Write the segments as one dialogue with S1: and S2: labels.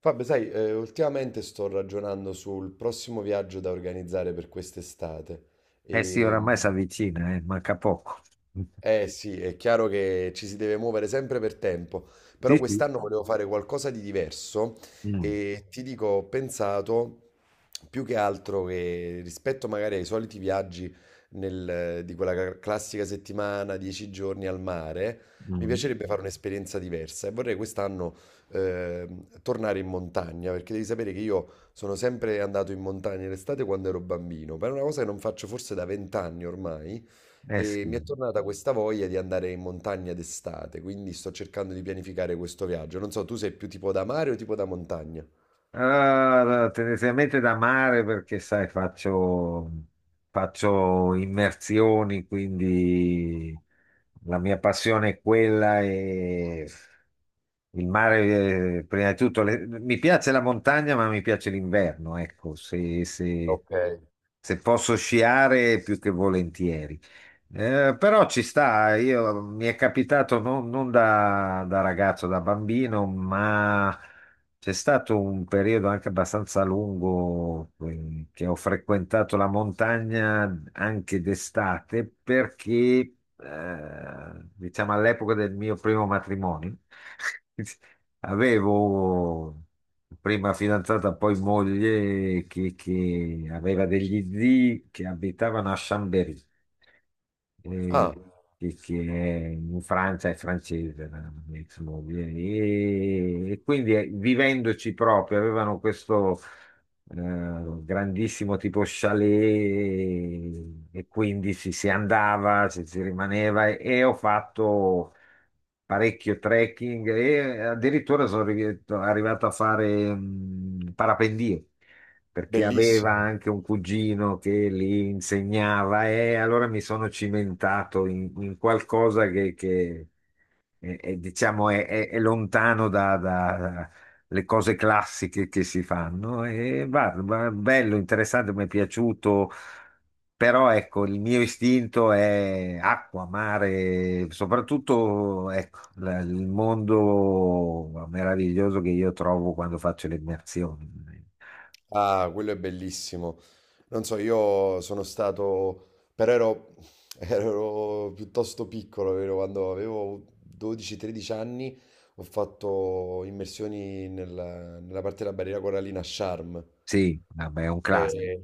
S1: Fabio, sai, ultimamente sto ragionando sul prossimo viaggio da organizzare per quest'estate
S2: Eh sì,
S1: e
S2: oramai si avvicina, manca poco.
S1: eh sì, è chiaro che ci si deve muovere sempre per tempo, però
S2: Sì, sì.
S1: quest'anno volevo fare qualcosa di diverso
S2: Mm,
S1: e ti dico, ho pensato più che altro che rispetto magari ai soliti viaggi nel- di quella classica settimana, 10 giorni al mare, mi
S2: mm.
S1: piacerebbe fare un'esperienza diversa e vorrei quest'anno tornare in montagna, perché devi sapere che io sono sempre andato in montagna l'estate quando ero bambino, per una cosa che non faccio forse da 20 anni ormai.
S2: Eh
S1: E mi
S2: sì.
S1: è tornata questa voglia di andare in montagna d'estate, quindi sto cercando di pianificare questo viaggio. Non so, tu sei più tipo da mare o tipo da montagna?
S2: Ah, tendenzialmente da mare perché, sai, faccio immersioni, quindi la mia passione è quella e il mare, prima di tutto, mi piace la montagna, ma mi piace l'inverno, ecco, se, se-
S1: Ok.
S2: se posso sciare più che volentieri. Però ci sta, io, mi è capitato non da ragazzo, da bambino. C'è stato un periodo anche abbastanza lungo, che ho frequentato la montagna anche d'estate perché, diciamo, all'epoca del mio primo matrimonio, avevo prima fidanzata, poi moglie, che aveva degli zii che abitavano a Chambéry, eh,
S1: Ah,
S2: che è in Francia, è francese, la mia ex moglie, e quindi vivendoci proprio, avevano questo grandissimo tipo chalet e quindi si andava, si rimaneva e ho fatto parecchio trekking e addirittura sono arrivato a fare parapendio perché aveva
S1: bellissimo.
S2: anche un cugino che li insegnava e allora mi sono cimentato in qualcosa che, che è, diciamo, è lontano da le cose classiche che si fanno e guarda, bello, interessante, mi è piaciuto però ecco, il mio istinto è acqua, mare, soprattutto ecco, il mondo meraviglioso che io trovo quando faccio le immersioni.
S1: Ah, quello è bellissimo. Non so, io sono stato, però ero, ero piuttosto piccolo, vero? Quando avevo 12-13 anni ho fatto immersioni nella parte della barriera corallina a Sharm.
S2: Sì, vabbè, è un classico.
S1: E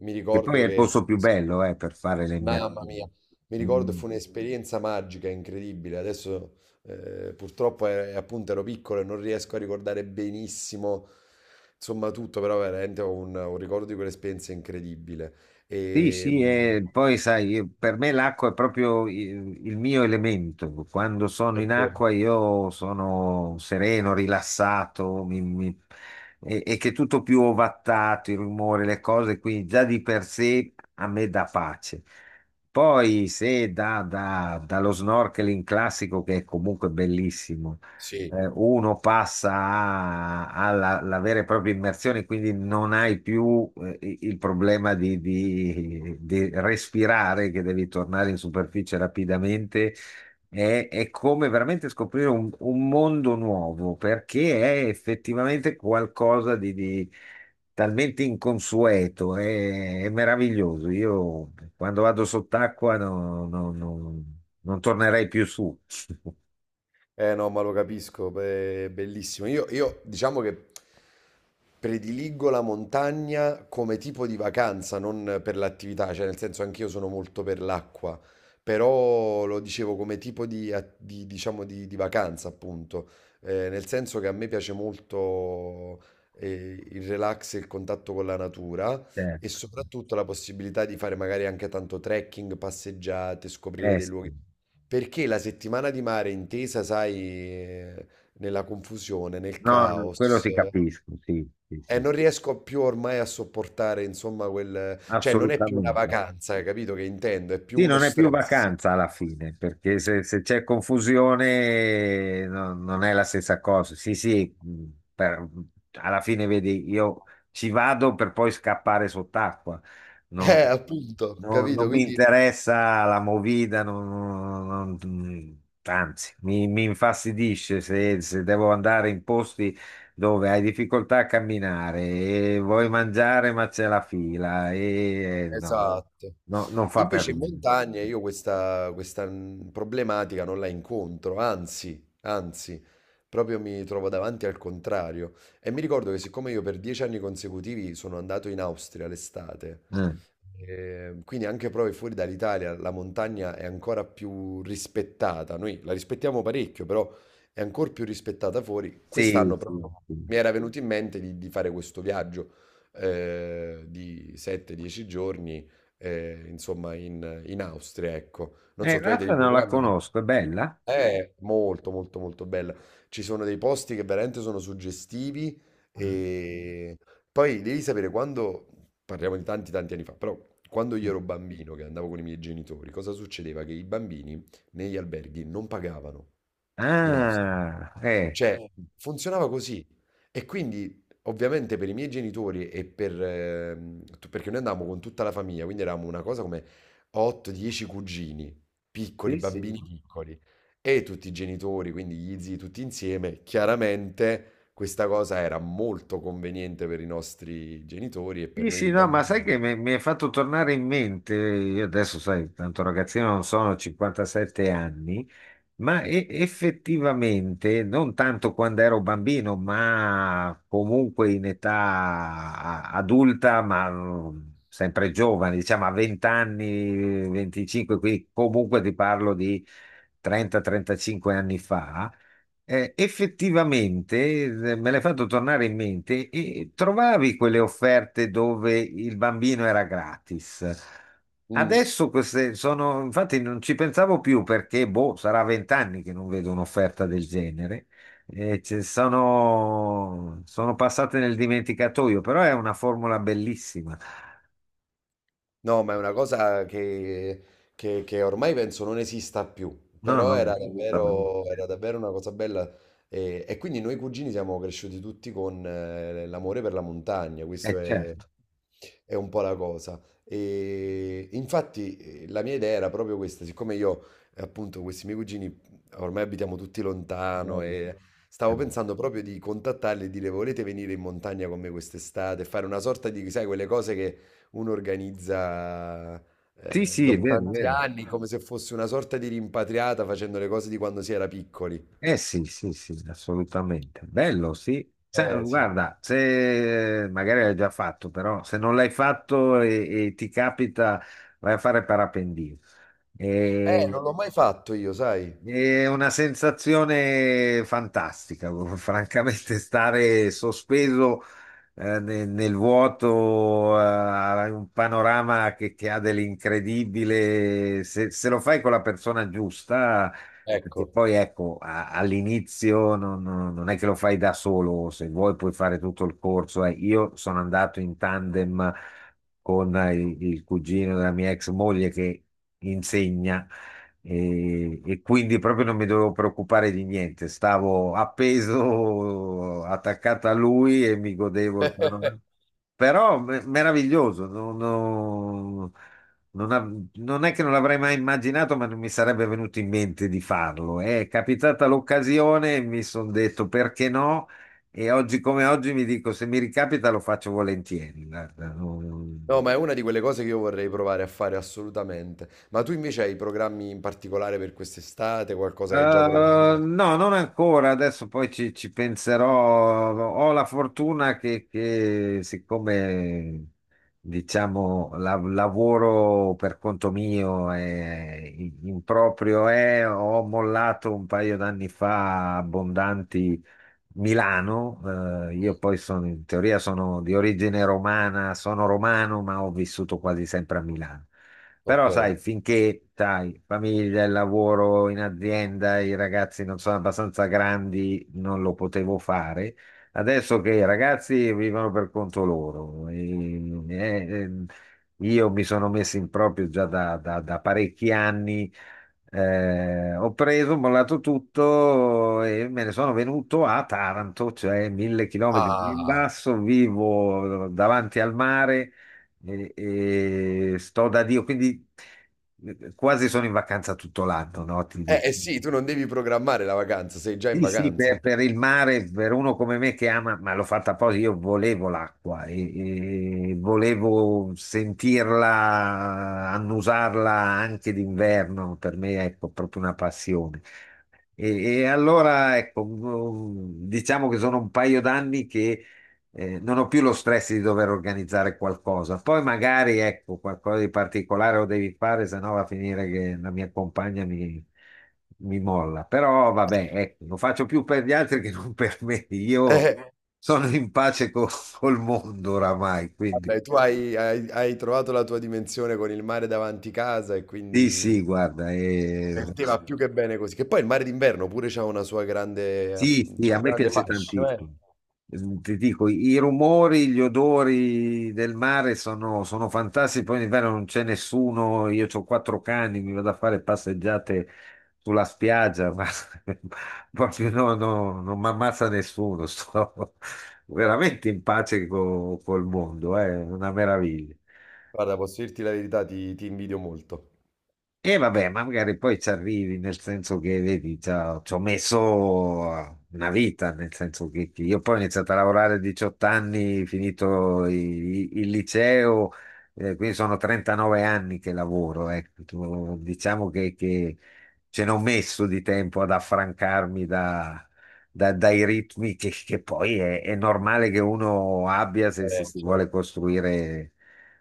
S1: mi
S2: Che poi
S1: ricordo
S2: è il
S1: che
S2: posto più bello per fare le
S1: mamma
S2: immersioni.
S1: mia, mi ricordo
S2: Mm.
S1: fu un'esperienza magica, incredibile. Adesso purtroppo appunto ero piccolo e non riesco a ricordare benissimo, insomma tutto, però veramente ho un ricordo di quell'esperienza incredibile.
S2: Sì,
S1: E,
S2: sì,
S1: mm,
S2: e poi sai, per me l'acqua è proprio il mio elemento. Quando sono in
S1: ok,
S2: acqua io sono sereno, rilassato. E che tutto più ovattato, i rumori, le cose, quindi già di per sé a me dà pace. Poi se dallo snorkeling classico, che è comunque bellissimo,
S1: sì.
S2: uno passa alla vera e propria immersione, quindi non hai più, il problema di respirare, che devi tornare in superficie rapidamente. È come veramente scoprire un mondo nuovo, perché è effettivamente qualcosa di talmente inconsueto, è meraviglioso. Io quando vado sott'acqua non tornerei più su.
S1: Eh no, ma lo capisco, beh, è bellissimo. Io diciamo che prediligo la montagna come tipo di vacanza, non per l'attività, cioè nel senso anch'io sono molto per l'acqua, però lo dicevo come tipo di, diciamo, di vacanza, appunto, nel senso che a me piace molto il relax e il contatto con la natura e
S2: Certo.
S1: soprattutto la possibilità di fare magari anche tanto trekking, passeggiate, scoprire dei
S2: Sì.
S1: luoghi. Perché la settimana di mare intesa, sai, nella confusione, nel
S2: No, no, quello
S1: caos,
S2: ti capisco, sì, sì,
S1: e
S2: sì,
S1: non riesco più ormai a sopportare, insomma, quel... Cioè, non è più una
S2: assolutamente.
S1: vacanza, capito che intendo? È più
S2: Sì,
S1: uno
S2: non è più
S1: stress.
S2: vacanza alla fine, perché se c'è confusione non è la stessa cosa. Sì, sì, per- alla fine vedi, io ci vado per poi scappare sott'acqua. Non,
S1: Appunto,
S2: no-
S1: capito?
S2: non mi
S1: Quindi,
S2: interessa la movida, anzi, mi infastidisce se devo andare in posti dove hai difficoltà a camminare e vuoi mangiare ma c'è la fila e no,
S1: esatto.
S2: no, non fa per
S1: Invece in
S2: me.
S1: montagna io questa problematica non la incontro, anzi, anzi, proprio mi trovo davanti al contrario. E mi ricordo che siccome io per 10 anni consecutivi sono andato in Austria l'estate,
S2: Eh,
S1: Quindi anche proprio fuori dall'Italia la montagna è ancora più rispettata. Noi la rispettiamo parecchio, però è ancora più rispettata fuori.
S2: sì,
S1: Quest'anno
S2: sì,
S1: proprio
S2: sì.
S1: mi era venuto in mente di fare questo viaggio di 7-10 giorni, insomma, in Austria, ecco. Non so, tu hai dei
S2: Questa non la
S1: programmi?
S2: conosco, è bella?
S1: È molto molto molto bella. Ci sono dei posti che veramente sono suggestivi e poi devi sapere quando, parliamo di tanti tanti anni fa, però quando io ero bambino che andavo con i miei genitori, cosa succedeva? Che i bambini negli alberghi non pagavano in Austria.
S2: Ah,
S1: Cioè, funzionava così. E quindi, ovviamente, per i miei genitori e per... perché noi andavamo con tutta la famiglia, quindi eravamo una cosa come 8-10 cugini, piccoli,
S2: sì, sì.
S1: bambini piccoli, e tutti i genitori, quindi gli zii tutti insieme. Chiaramente questa cosa era molto conveniente per i nostri genitori e per
S2: Sì, sì,
S1: noi
S2: no, ma sai che
S1: bambini.
S2: mi è fatto tornare in mente, io adesso, sai, tanto ragazzino non sono, 57 anni. Ma effettivamente, non tanto quando ero bambino, ma comunque in età adulta, ma sempre giovane, diciamo a 20 anni, 25, quindi comunque ti parlo di 30-35 anni fa, effettivamente, me l'hai fatto tornare in mente e trovavi quelle offerte dove il bambino era gratis.
S1: Mm.
S2: Adesso queste sono, infatti non ci pensavo più perché boh, sarà 20 anni che non vedo un'offerta del genere. Sono passate nel dimenticatoio, però è una formula bellissima.
S1: No, ma è una cosa che, che ormai penso non esista più,
S2: No,
S1: però
S2: no, assolutamente.
S1: era davvero una cosa bella e quindi noi cugini siamo cresciuti tutti con l'amore per la montagna, questo
S2: Certo.
S1: è un po' la cosa. E infatti la mia idea era proprio questa, siccome io appunto questi miei cugini ormai abitiamo tutti lontano
S2: Eh,
S1: e stavo pensando proprio di contattarli e dire volete venire in montagna con me quest'estate, e fare una sorta di, sai, quelle cose che uno organizza
S2: sì, sì, è
S1: dopo
S2: vero, è
S1: tanti
S2: vero.
S1: anni come se fosse una sorta di rimpatriata facendo le cose di quando si era piccoli.
S2: Eh sì, sì, sì, assolutamente. Bello, sì. Cioè,
S1: Eh sì.
S2: guarda, se magari l'hai già fatto, però se non l'hai fatto e ti capita, vai a fare parapendio. E
S1: Non l'ho mai fatto io, sai?
S2: è una sensazione fantastica, francamente, stare sospeso, nel, vuoto, un panorama che ha dell'incredibile. Se lo fai con la persona giusta, perché
S1: Ecco.
S2: poi ecco, all'inizio non è che lo fai da solo, se vuoi puoi fare tutto il corso. Io sono andato in tandem con il cugino della mia ex moglie che insegna e quindi proprio non mi dovevo preoccupare di niente, stavo appeso, attaccato a lui e mi godevo il panorama. Però meraviglioso, non è che non l'avrei mai immaginato, ma non mi sarebbe venuto in mente di farlo. È capitata l'occasione e mi sono detto perché no? E oggi come oggi mi dico se mi ricapita lo faccio volentieri. Guarda, non.
S1: No, ma è una di quelle cose che io vorrei provare a fare assolutamente. Ma tu invece hai programmi in particolare per quest'estate, qualcosa
S2: Eh,
S1: che hai già programmato?
S2: no, non ancora, adesso poi ci penserò. Ho la fortuna che, siccome lavoro per conto mio e in proprio è, ho mollato un paio d'anni fa abbondanti Milano, io poi sono, in teoria sono di origine romana, sono romano, ma ho vissuto quasi sempre a Milano.
S1: Ok.
S2: Però sai, finché, sai, famiglia, il lavoro in azienda, i ragazzi non sono abbastanza grandi, non lo potevo fare. Adesso che i ragazzi vivono per conto loro, e io mi sono messo in proprio già da parecchi anni, ho preso, ho mollato tutto e me ne sono venuto a Taranto, cioè 1.000 chilometri più in
S1: Ah.
S2: basso, vivo davanti al mare e, e sto da Dio, quindi quasi sono in vacanza tutto l'anno, no? Ti dico.
S1: Eh sì, tu non devi programmare la vacanza, sei già in
S2: Sì, sì,
S1: vacanza.
S2: per il mare, per uno come me che ama, ma l'ho fatta apposta, io volevo l'acqua e volevo sentirla, annusarla anche d'inverno, per me è proprio una passione. E, e allora, ecco, diciamo che sono un paio d'anni che non ho più lo stress di dover organizzare qualcosa. Poi magari, ecco, qualcosa di particolare lo devi fare, se no va a finire che la mia compagna mi, mi molla. Però vabbè, ecco, lo faccio più per gli altri che non per me. Io sono in pace col mondo oramai, quindi
S1: Vabbè, tu hai, hai trovato la tua dimensione con il mare davanti casa e
S2: sì, sì,
S1: quindi
S2: guarda.
S1: per
S2: Eh,
S1: te va più che bene così. Che poi il mare d'inverno pure c'ha una sua grande,
S2: Sì, sì,
S1: c'ha
S2: a
S1: un
S2: me
S1: grande
S2: piace
S1: fascino, eh.
S2: tantissimo. Ti dico, i rumori, gli odori del mare sono, sono fantastici. Poi in inverno non c'è nessuno. Io ho quattro cani, mi vado a fare passeggiate sulla spiaggia, ma proprio no, no, non mi ammazza nessuno. Sto veramente in pace col mondo, è una meraviglia.
S1: Guarda, posso dirti la verità, ti invidio molto.
S2: E vabbè, ma magari poi ci arrivi, nel senso che, vedi, ci ho messo una vita, nel senso che io poi ho iniziato a lavorare a 18 anni, finito il liceo, quindi sono 39 anni che lavoro, ecco. Diciamo che, ce n'ho messo di tempo ad affrancarmi dai ritmi che poi è normale che uno abbia se si
S1: Certo.
S2: vuole costruire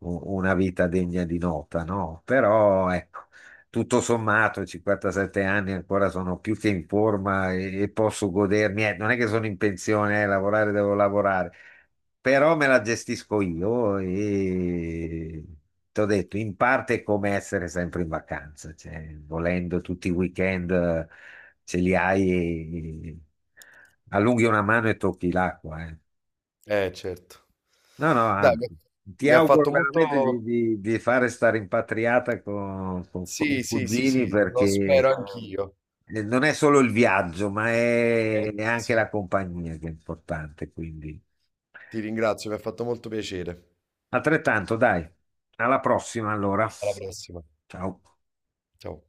S2: una vita degna di nota, no? Però, ecco tutto sommato, 57 anni ancora sono più che in forma e posso godermi. Eh, non è che sono in pensione, lavorare devo lavorare, però me la gestisco io e ti ho detto, in parte è come essere sempre in vacanza, cioè, volendo tutti i weekend ce li hai e allunghi una mano e tocchi l'acqua.
S1: Certo.
S2: No, no,
S1: Dai, mi
S2: anzi. Ti
S1: mi ha
S2: auguro
S1: fatto
S2: veramente di,
S1: molto...
S2: di- di fare sta rimpatriata con i
S1: Sì, sì, sì,
S2: cugini
S1: sì, lo
S2: perché
S1: spero anch'io.
S2: non è solo il viaggio, ma
S1: Eh,
S2: è anche
S1: sì.
S2: la compagnia che è importante, quindi.
S1: Ti ringrazio, mi ha fatto molto piacere.
S2: Altrettanto, dai. Alla prossima, allora.
S1: Alla prossima.
S2: Ciao.
S1: Ciao.